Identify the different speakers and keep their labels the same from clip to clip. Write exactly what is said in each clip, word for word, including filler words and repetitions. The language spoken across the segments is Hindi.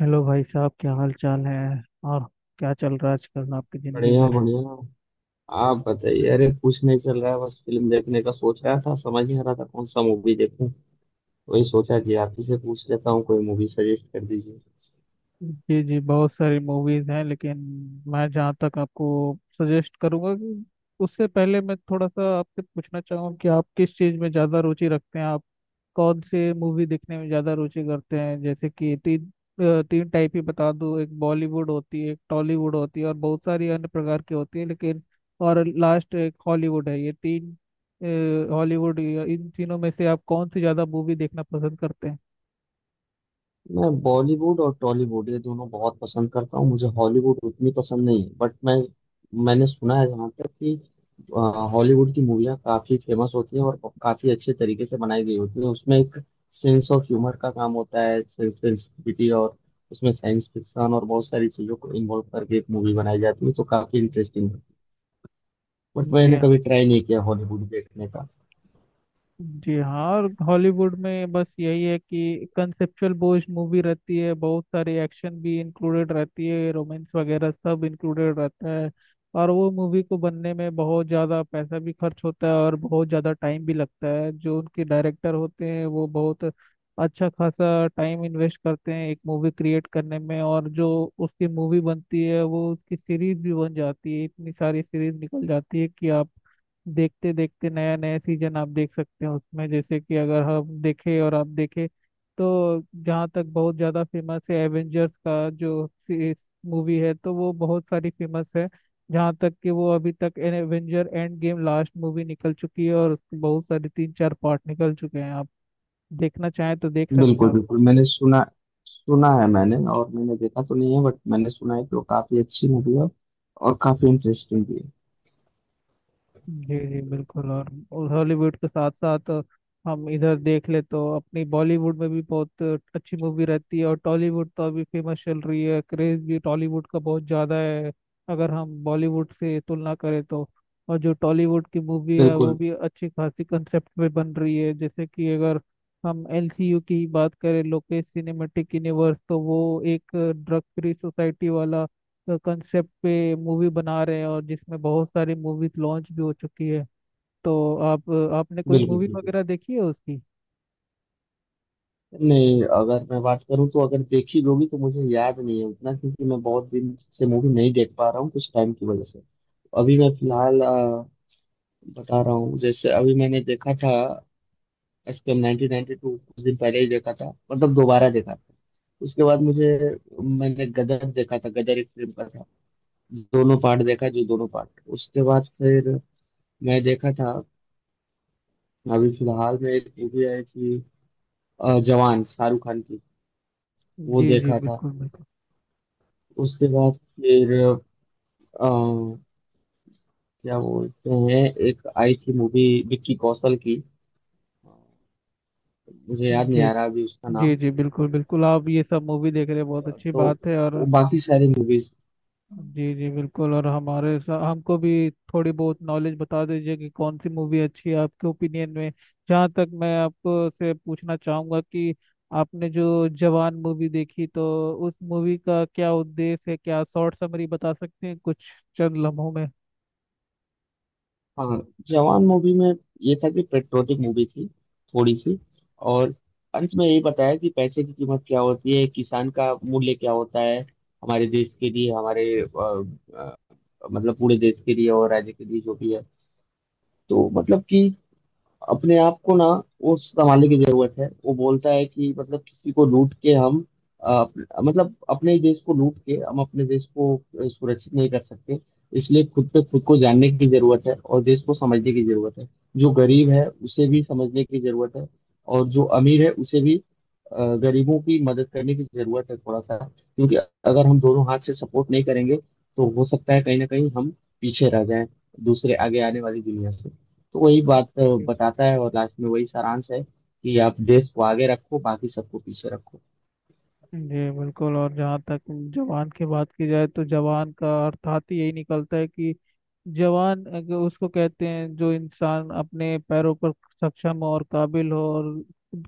Speaker 1: हेलो भाई साहब, क्या हाल चाल है और क्या चल रहा है आजकल आपकी ज़िंदगी
Speaker 2: बढ़िया
Speaker 1: में।
Speaker 2: बढ़िया। आप बताइए। अरे कुछ नहीं चल रहा है, बस फिल्म देखने का सोच रहा था, समझ नहीं आ रहा था कौन सा मूवी देखूं। वही सोचा कि आप ही से पूछ लेता हूँ, कोई मूवी सजेस्ट कर दीजिए।
Speaker 1: जी जी, बहुत सारी मूवीज़ हैं लेकिन मैं जहाँ तक आपको सजेस्ट करूँगा कि उससे पहले मैं थोड़ा सा आपसे पूछना चाहूँगा कि आप किस चीज़ में ज़्यादा रुचि रखते हैं, कौन से मूवी देखने में ज्यादा रुचि करते हैं। जैसे कि तीन अ, तीन टाइप ही बता दूं, एक बॉलीवुड होती है, एक टॉलीवुड होती है और बहुत सारी अन्य प्रकार की होती है लेकिन, और लास्ट एक हॉलीवुड है। ये तीन हॉलीवुड, इन तीनों में से आप कौन सी ज्यादा मूवी देखना पसंद करते हैं।
Speaker 2: मैं बॉलीवुड और टॉलीवुड ये दोनों बहुत पसंद करता हूँ। मुझे हॉलीवुड उतनी पसंद नहीं है, बट मैं मैंने सुना है, जहाँ तक कि अ, हॉलीवुड की मूवियाँ काफ़ी फेमस होती हैं और काफ़ी अच्छे तरीके से बनाई गई होती हैं। उसमें एक सेंस ऑफ ह्यूमर का काम होता है, सेंसिटिविटी, और उसमें साइंस फिक्शन और बहुत सारी चीज़ों को इन्वॉल्व करके एक मूवी बनाई जाती है, तो काफ़ी इंटरेस्टिंग है। बट मैंने
Speaker 1: जी,
Speaker 2: कभी ट्राई नहीं किया हॉलीवुड देखने का।
Speaker 1: जी हाँ। और हॉलीवुड में बस यही है कि कंसेप्चुअल बेस्ड मूवी रहती है, बहुत सारी एक्शन भी इंक्लूडेड रहती है, रोमांस वगैरह सब इंक्लूडेड रहता है। और वो मूवी को बनने में बहुत ज़्यादा पैसा भी खर्च होता है और बहुत ज़्यादा टाइम भी लगता है। जो उनके डायरेक्टर होते हैं वो बहुत अच्छा खासा टाइम इन्वेस्ट करते हैं एक मूवी क्रिएट करने में। और जो उसकी मूवी बनती है वो उसकी सीरीज भी बन जाती है, इतनी सारी सीरीज निकल जाती है कि आप देखते देखते नया नया सीजन आप देख सकते हो उसमें। जैसे कि अगर हम देखें और आप देखें तो जहाँ तक बहुत ज़्यादा फेमस है एवेंजर्स का जो मूवी है तो वो बहुत सारी फेमस है। जहाँ तक कि वो अभी तक Avenger end game last movie निकल चुकी है और उसके बहुत सारे तीन चार पार्ट निकल चुके हैं, आप देखना चाहें तो देख सकते
Speaker 2: बिल्कुल
Speaker 1: हो।
Speaker 2: बिल्कुल। मैंने सुना सुना है मैंने, और मैंने देखा तो नहीं है, बट मैंने सुना है कि वो काफी अच्छी मूवी है और काफी इंटरेस्टिंग भी है।
Speaker 1: जी जी बिल्कुल। और हॉलीवुड के साथ साथ हम इधर देख ले तो अपनी बॉलीवुड में भी बहुत अच्छी मूवी रहती है, और टॉलीवुड तो अभी फेमस चल रही है, क्रेज भी टॉलीवुड का बहुत ज़्यादा है अगर हम बॉलीवुड से तुलना करें तो। और जो टॉलीवुड की मूवी है वो
Speaker 2: बिल्कुल
Speaker 1: भी अच्छी खासी कंसेप्ट पे बन रही है। जैसे कि अगर हम एलसीयू की ही बात करें, लोकेश सिनेमेटिक यूनिवर्स, तो वो एक ड्रग फ्री सोसाइटी वाला कंसेप्ट पे मूवी बना रहे हैं और जिसमें बहुत सारी मूवीज लॉन्च भी हो चुकी है। तो आप, आपने कोई
Speaker 2: बिल्कुल
Speaker 1: मूवी
Speaker 2: बिल्कुल।
Speaker 1: वगैरह देखी है उसकी।
Speaker 2: नहीं, अगर मैं बात करूं तो अगर देखी होगी तो मुझे याद नहीं है उतना, क्योंकि मैं बहुत दिन से मूवी नहीं देख पा रहा हूँ कुछ टाइम की वजह से। अभी मैं फिलहाल अ, बता रहा हूँ, जैसे अभी मैंने देखा था S P M nineteen ninety two, कुछ दिन पहले ही देखा था, मतलब दोबारा देखा था। उसके बाद मुझे मैंने गदर देखा था। गदर एक फिल्म का था, दोनों पार्ट देखा जी, दोनों पार्ट। उसके बाद फिर मैं देखा था। अभी फिलहाल में एक मूवी आई थी, अ, जवान, शाहरुख खान की, वो
Speaker 1: जी जी
Speaker 2: देखा था।
Speaker 1: बिल्कुल बिल्कुल।
Speaker 2: उसके बाद फिर अ, क्या बोलते हैं, एक आई थी मूवी विक्की कौशल की, मुझे याद नहीं
Speaker 1: जी,
Speaker 2: आ रहा अभी उसका
Speaker 1: जी
Speaker 2: नाम।
Speaker 1: जी बिल्कुल बिल्कुल, आप ये सब मूवी देख रहे हैं बहुत
Speaker 2: अ,
Speaker 1: अच्छी
Speaker 2: तो
Speaker 1: बात है। और
Speaker 2: वो बाकी सारी मूवीज।
Speaker 1: जी जी बिल्कुल, और हमारे सा, हमको भी थोड़ी बहुत नॉलेज बता दीजिए कि कौन सी मूवी अच्छी है आपके ओपिनियन में। जहाँ तक मैं आपको से पूछना चाहूँगा कि आपने जो जवान मूवी देखी तो उस मूवी का क्या उद्देश्य है, क्या शॉर्ट समरी बता सकते हैं कुछ चंद लम्हों में।
Speaker 2: हाँ, जवान मूवी में ये था कि पेट्रोटिक मूवी थी थोड़ी सी, और अंत में यही बताया कि पैसे की कीमत क्या होती है, किसान का मूल्य क्या होता है हमारे देश के लिए, हमारे अ, अ, मतलब पूरे देश के लिए और राज्य के लिए, जो भी है। तो मतलब कि अपने आप को ना, वो संभालने की जरूरत है। वो बोलता है कि मतलब किसी को लूट के हम, अ, अप- मतलब अपने ही देश को लूट के हम अपने देश को अ, सुरक्षित नहीं कर सकते। इसलिए खुद तक खुद को जानने की जरूरत है और देश को समझने की जरूरत है। जो गरीब है उसे भी समझने की जरूरत है, और जो अमीर है उसे भी। अ, गरीबों की मदद करने की जरूरत है थोड़ा सा, क्योंकि अगर हम दोनों हाथ से सपोर्ट नहीं करेंगे तो हो सकता है कहीं ना कहीं हम पीछे रह जाएं, दूसरे आगे आने वाली दुनिया से। तो वही बात अ, बताता है, और लास्ट में वही सारांश है कि आप देश को आगे रखो, बाकी सबको पीछे रखो।
Speaker 1: जी बिल्कुल। और जहाँ तक जवान की बात की जाए तो जवान का अर्थात ही यही निकलता है कि जवान अगर उसको कहते हैं जो इंसान अपने पैरों पर सक्षम हो और काबिल हो और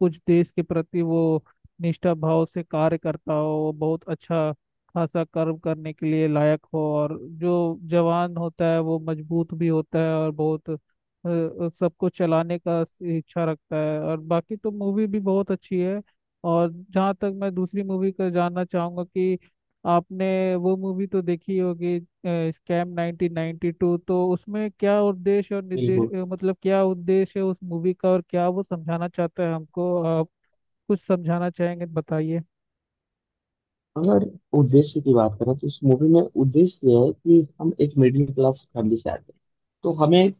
Speaker 1: कुछ देश के प्रति वो निष्ठा भाव से कार्य करता हो, वो बहुत अच्छा खासा कर्म करने के लिए लायक हो। और जो जवान होता है वो मजबूत भी होता है और बहुत अ, अ, सबको चलाने का इच्छा रखता है। और बाकी तो मूवी भी बहुत अच्छी है। और जहाँ तक मैं दूसरी मूवी का जानना चाहूंगा कि आपने वो मूवी तो देखी होगी स्कैम नाइन्टीन नाइन्टी टू, तो उसमें क्या उद्देश्य और निर्देश
Speaker 2: बिल्कुल।
Speaker 1: अ, मतलब क्या उद्देश्य है उस मूवी का और क्या वो समझाना चाहता है हमको। आप कुछ समझाना चाहेंगे तो बताइए।
Speaker 2: अगर उद्देश्य की बात करें तो इस मूवी में उद्देश्य यह है कि हम एक मिडिल क्लास फैमिली से आते हैं। तो हमें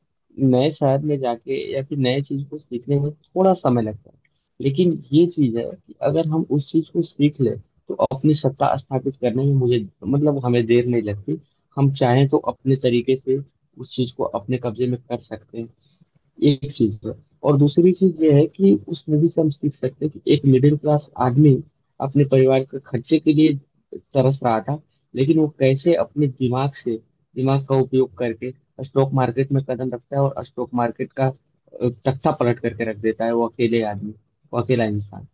Speaker 2: नए शहर में जाके या फिर नए चीज को सीखने में थोड़ा समय लगता है, लेकिन ये चीज है कि अगर हम उस चीज को सीख लें तो अपनी सत्ता स्थापित करने में मुझे, मतलब हमें, देर नहीं लगती। हम चाहें तो अपने तरीके से उस चीज को अपने कब्जे में कर सकते हैं। एक चीज़ है, और दूसरी चीज़ ये है कि उस मूवी से हम सीख सकते हैं कि एक मिडिल क्लास आदमी अपने परिवार के खर्चे के लिए तरस रहा था, लेकिन वो कैसे अपने दिमाग से दिमाग का उपयोग करके स्टॉक मार्केट में कदम रखता है और स्टॉक मार्केट का अ, तख्ता पलट करके रख देता है, वो अकेले आदमी, वो अकेला इंसान।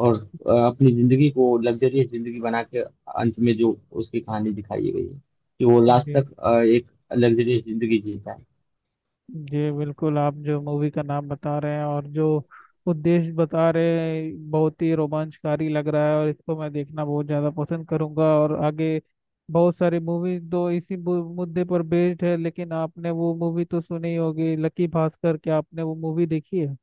Speaker 2: और अ, अपनी जिंदगी को लग्जरियस जिंदगी बना के, अंत में जो उसकी कहानी दिखाई गई है कि वो लास्ट
Speaker 1: जी
Speaker 2: तक अ, एक लग्जरियस जिंदगी जीता है।
Speaker 1: जी बिल्कुल, आप जो मूवी का नाम बता रहे हैं और जो उद्देश्य बता रहे हैं बहुत ही रोमांचकारी लग रहा है और इसको मैं देखना बहुत ज़्यादा पसंद करूंगा। और आगे बहुत सारी मूवी तो इसी मु- मुद्दे पर बेस्ड है, लेकिन आपने वो मूवी तो सुनी होगी लकी भास्कर, क्या आपने वो मूवी देखी है।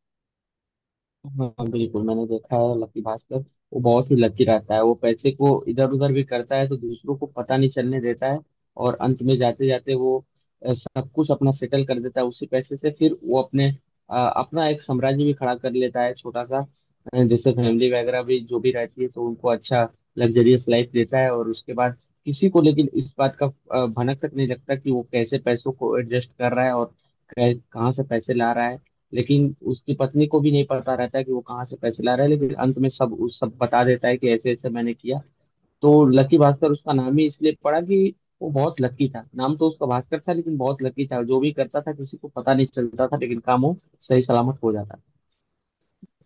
Speaker 2: हाँ बिल्कुल, मैंने देखा है लक्की भास्कर। वो बहुत ही लकी रहता है, वो पैसे को इधर उधर भी करता है तो दूसरों को पता नहीं चलने देता है। और अंत में जाते जाते वो अ, सब कुछ अपना सेटल कर देता है, उसी पैसे से। फिर वो अपने अ, अपना एक साम्राज्य भी खड़ा कर लेता है, छोटा सा। अ, जैसे फैमिली वगैरह भी जो भी रहती है तो उनको अच्छा लग्जरियस लाइफ देता है। और उसके बाद किसी को, लेकिन, इस बात का अ, भनक तक नहीं लगता कि वो कैसे पैसों को एडजस्ट कर रहा है और कै- कहाँ से पैसे ला रहा है। लेकिन उसकी पत्नी को भी नहीं पता रहता है कि वो कहाँ से पैसे ला रहा है, लेकिन अंत में सब उस सब बता देता है कि ऐसे ऐसे मैंने किया। तो लकी भास्कर उसका नाम ही इसलिए पड़ा कि वो बहुत लकी था। नाम तो उसका भास्कर था, लेकिन बहुत लकी था, जो भी करता था किसी को पता नहीं चलता था, लेकिन काम वो सही सलामत हो जाता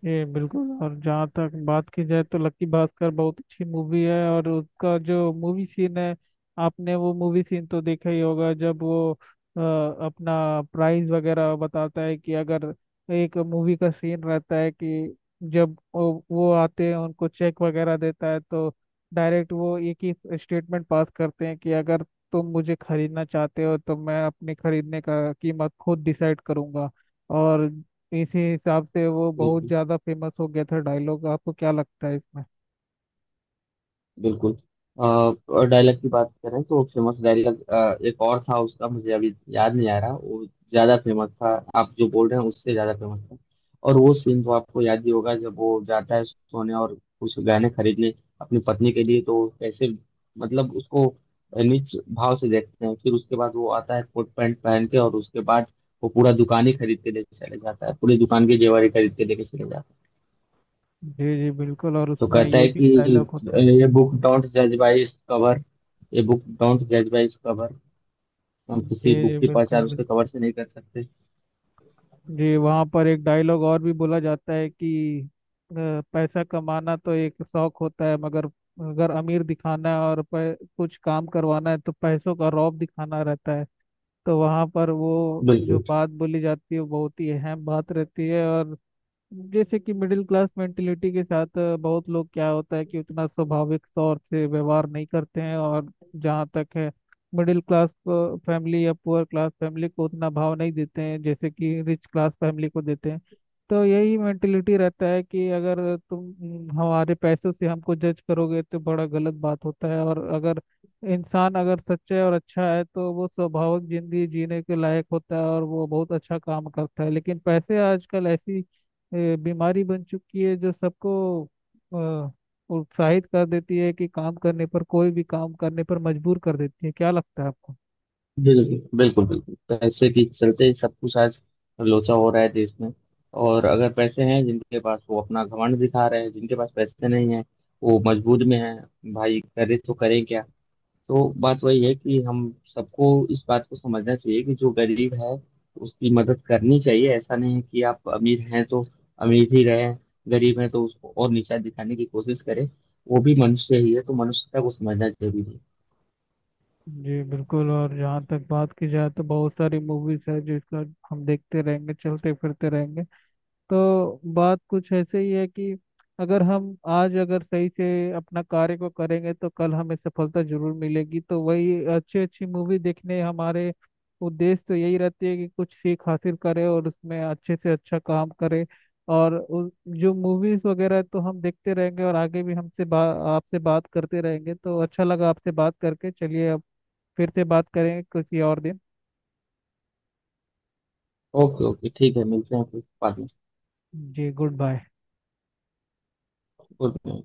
Speaker 1: ये बिल्कुल। और जहाँ तक बात की जाए तो लक्की भास्कर बहुत अच्छी मूवी है और उसका जो मूवी सीन है, आपने वो मूवी सीन तो देखा ही होगा जब वो अ, अपना प्राइस वगैरह बताता है कि अगर, एक मूवी का सीन रहता है कि जब वो, वो आते हैं उनको चेक वगैरह देता है तो डायरेक्ट वो एक ही स्टेटमेंट पास करते हैं कि अगर तुम मुझे खरीदना चाहते हो तो मैं अपने खरीदने का कीमत खुद डिसाइड करूंगा। और इसी हिसाब से वो बहुत
Speaker 2: था।
Speaker 1: ज़्यादा फेमस हो गया था डायलॉग। आपको क्या लगता है इसमें।
Speaker 2: बिल्कुल। अ, और डायलॉग की बात करें तो फेमस डायलॉग एक और था उसका, मुझे अभी याद नहीं आ रहा। वो ज्यादा फेमस था, आप जो बोल रहे हैं उससे ज्यादा फेमस था। और वो सीन तो आपको याद ही होगा जब वो जाता है सोने और कुछ गहने खरीदने अपनी पत्नी के लिए, तो कैसे मतलब उसको नीच भाव से देखते हैं। फिर उसके बाद वो आता है कोट पैंट पहन के, और उसके बाद वो पूरा दुकान ही खरीद के लेके चले जाता है, पूरी दुकान के जेवर ही खरीद के लेके चले जाता है।
Speaker 1: जी जी बिल्कुल, और
Speaker 2: तो
Speaker 1: उसमें
Speaker 2: कहता
Speaker 1: ये
Speaker 2: है
Speaker 1: भी
Speaker 2: कि
Speaker 1: डायलॉग होते हैं।
Speaker 2: ये बुक डोंट जज बाय इट्स कवर, ये बुक डोंट जज बाय इट्स कवर। हम
Speaker 1: जी
Speaker 2: किसी
Speaker 1: जी
Speaker 2: बुक की
Speaker 1: बिल्कुल
Speaker 2: पहचान उसके
Speaker 1: बिल्कुल।
Speaker 2: कवर से नहीं कर सकते।
Speaker 1: जी, वहाँ पर एक डायलॉग और भी बोला जाता है कि अ, पैसा कमाना तो एक शौक होता है, मगर अगर अमीर दिखाना है और पै, कुछ काम करवाना है तो पैसों का रौब दिखाना रहता है। तो वहाँ पर वो जो
Speaker 2: बिल्कुल
Speaker 1: बात बोली जाती है वो बहुत ही अहम बात रहती है। और जैसे कि मिडिल क्लास मेंटेलिटी के साथ अ, बहुत लोग क्या होता है कि उतना स्वाभाविक तौर से व्यवहार नहीं करते हैं। और जहाँ तक है, मिडिल क्लास फैमिली या पुअर क्लास फैमिली को उतना भाव नहीं देते हैं जैसे कि रिच क्लास फैमिली को देते हैं। तो यही मेंटेलिटी रहता है कि अगर तुम हम्म, हमारे पैसों से हमको जज करोगे तो बड़ा गलत बात होता है। और अगर इंसान अगर सच्चा है और अच्छा है तो वो स्वाभाविक जिंदगी जीने के लायक होता है और वो बहुत अच्छा काम करता है। लेकिन पैसे आजकल ऐसी ये बीमारी बन चुकी है जो सबको अ, उत्साहित कर देती है कि काम करने पर, कोई भी काम करने पर मजबूर कर देती है। क्या लगता है आपको।
Speaker 2: बिल्कुल बिल्कुल बिल्कुल। पैसे के चलते ही सब कुछ आज लोचा हो रहा है देश में। और अगर पैसे हैं जिनके पास, वो अपना घमंड दिखा रहे हैं। जिनके पास पैसे नहीं है वो मजबूर में है, भाई करे तो करें क्या। तो बात वही है कि हम सबको इस बात को समझना चाहिए कि जो गरीब है उसकी मदद करनी चाहिए। ऐसा नहीं है कि आप अमीर हैं तो अमीर ही रहें, गरीब हैं तो उसको और नीचा दिखाने की कोशिश करें। वो भी मनुष्य ही है, तो मनुष्यता को समझना जरूरी है।
Speaker 1: जी बिल्कुल। और जहाँ तक बात की जाए तो बहुत सारी मूवीज है जिसका हम देखते रहेंगे, चलते फिरते रहेंगे। तो बात कुछ ऐसे ही है कि अगर हम आज अगर सही से अपना कार्य को करेंगे तो कल हमें सफलता जरूर मिलेगी। तो वही अच्छी अच्छी मूवी देखने हमारे उद्देश्य तो यही रहती है कि कुछ सीख हासिल करें और उसमें अच्छे से अच्छा काम करें। और उ- जो मूवीज वगैरह है, तो हम देखते रहेंगे और आगे भी हमसे बा, आपसे बात करते रहेंगे। तो अच्छा लगा आपसे बात करके, चलिए अब फिर से बात करेंगे किसी और दिन।
Speaker 2: ओके ओके, ठीक है, मिलते हैं फिर बाद में।
Speaker 1: जी, गुड बाय।
Speaker 2: Good night.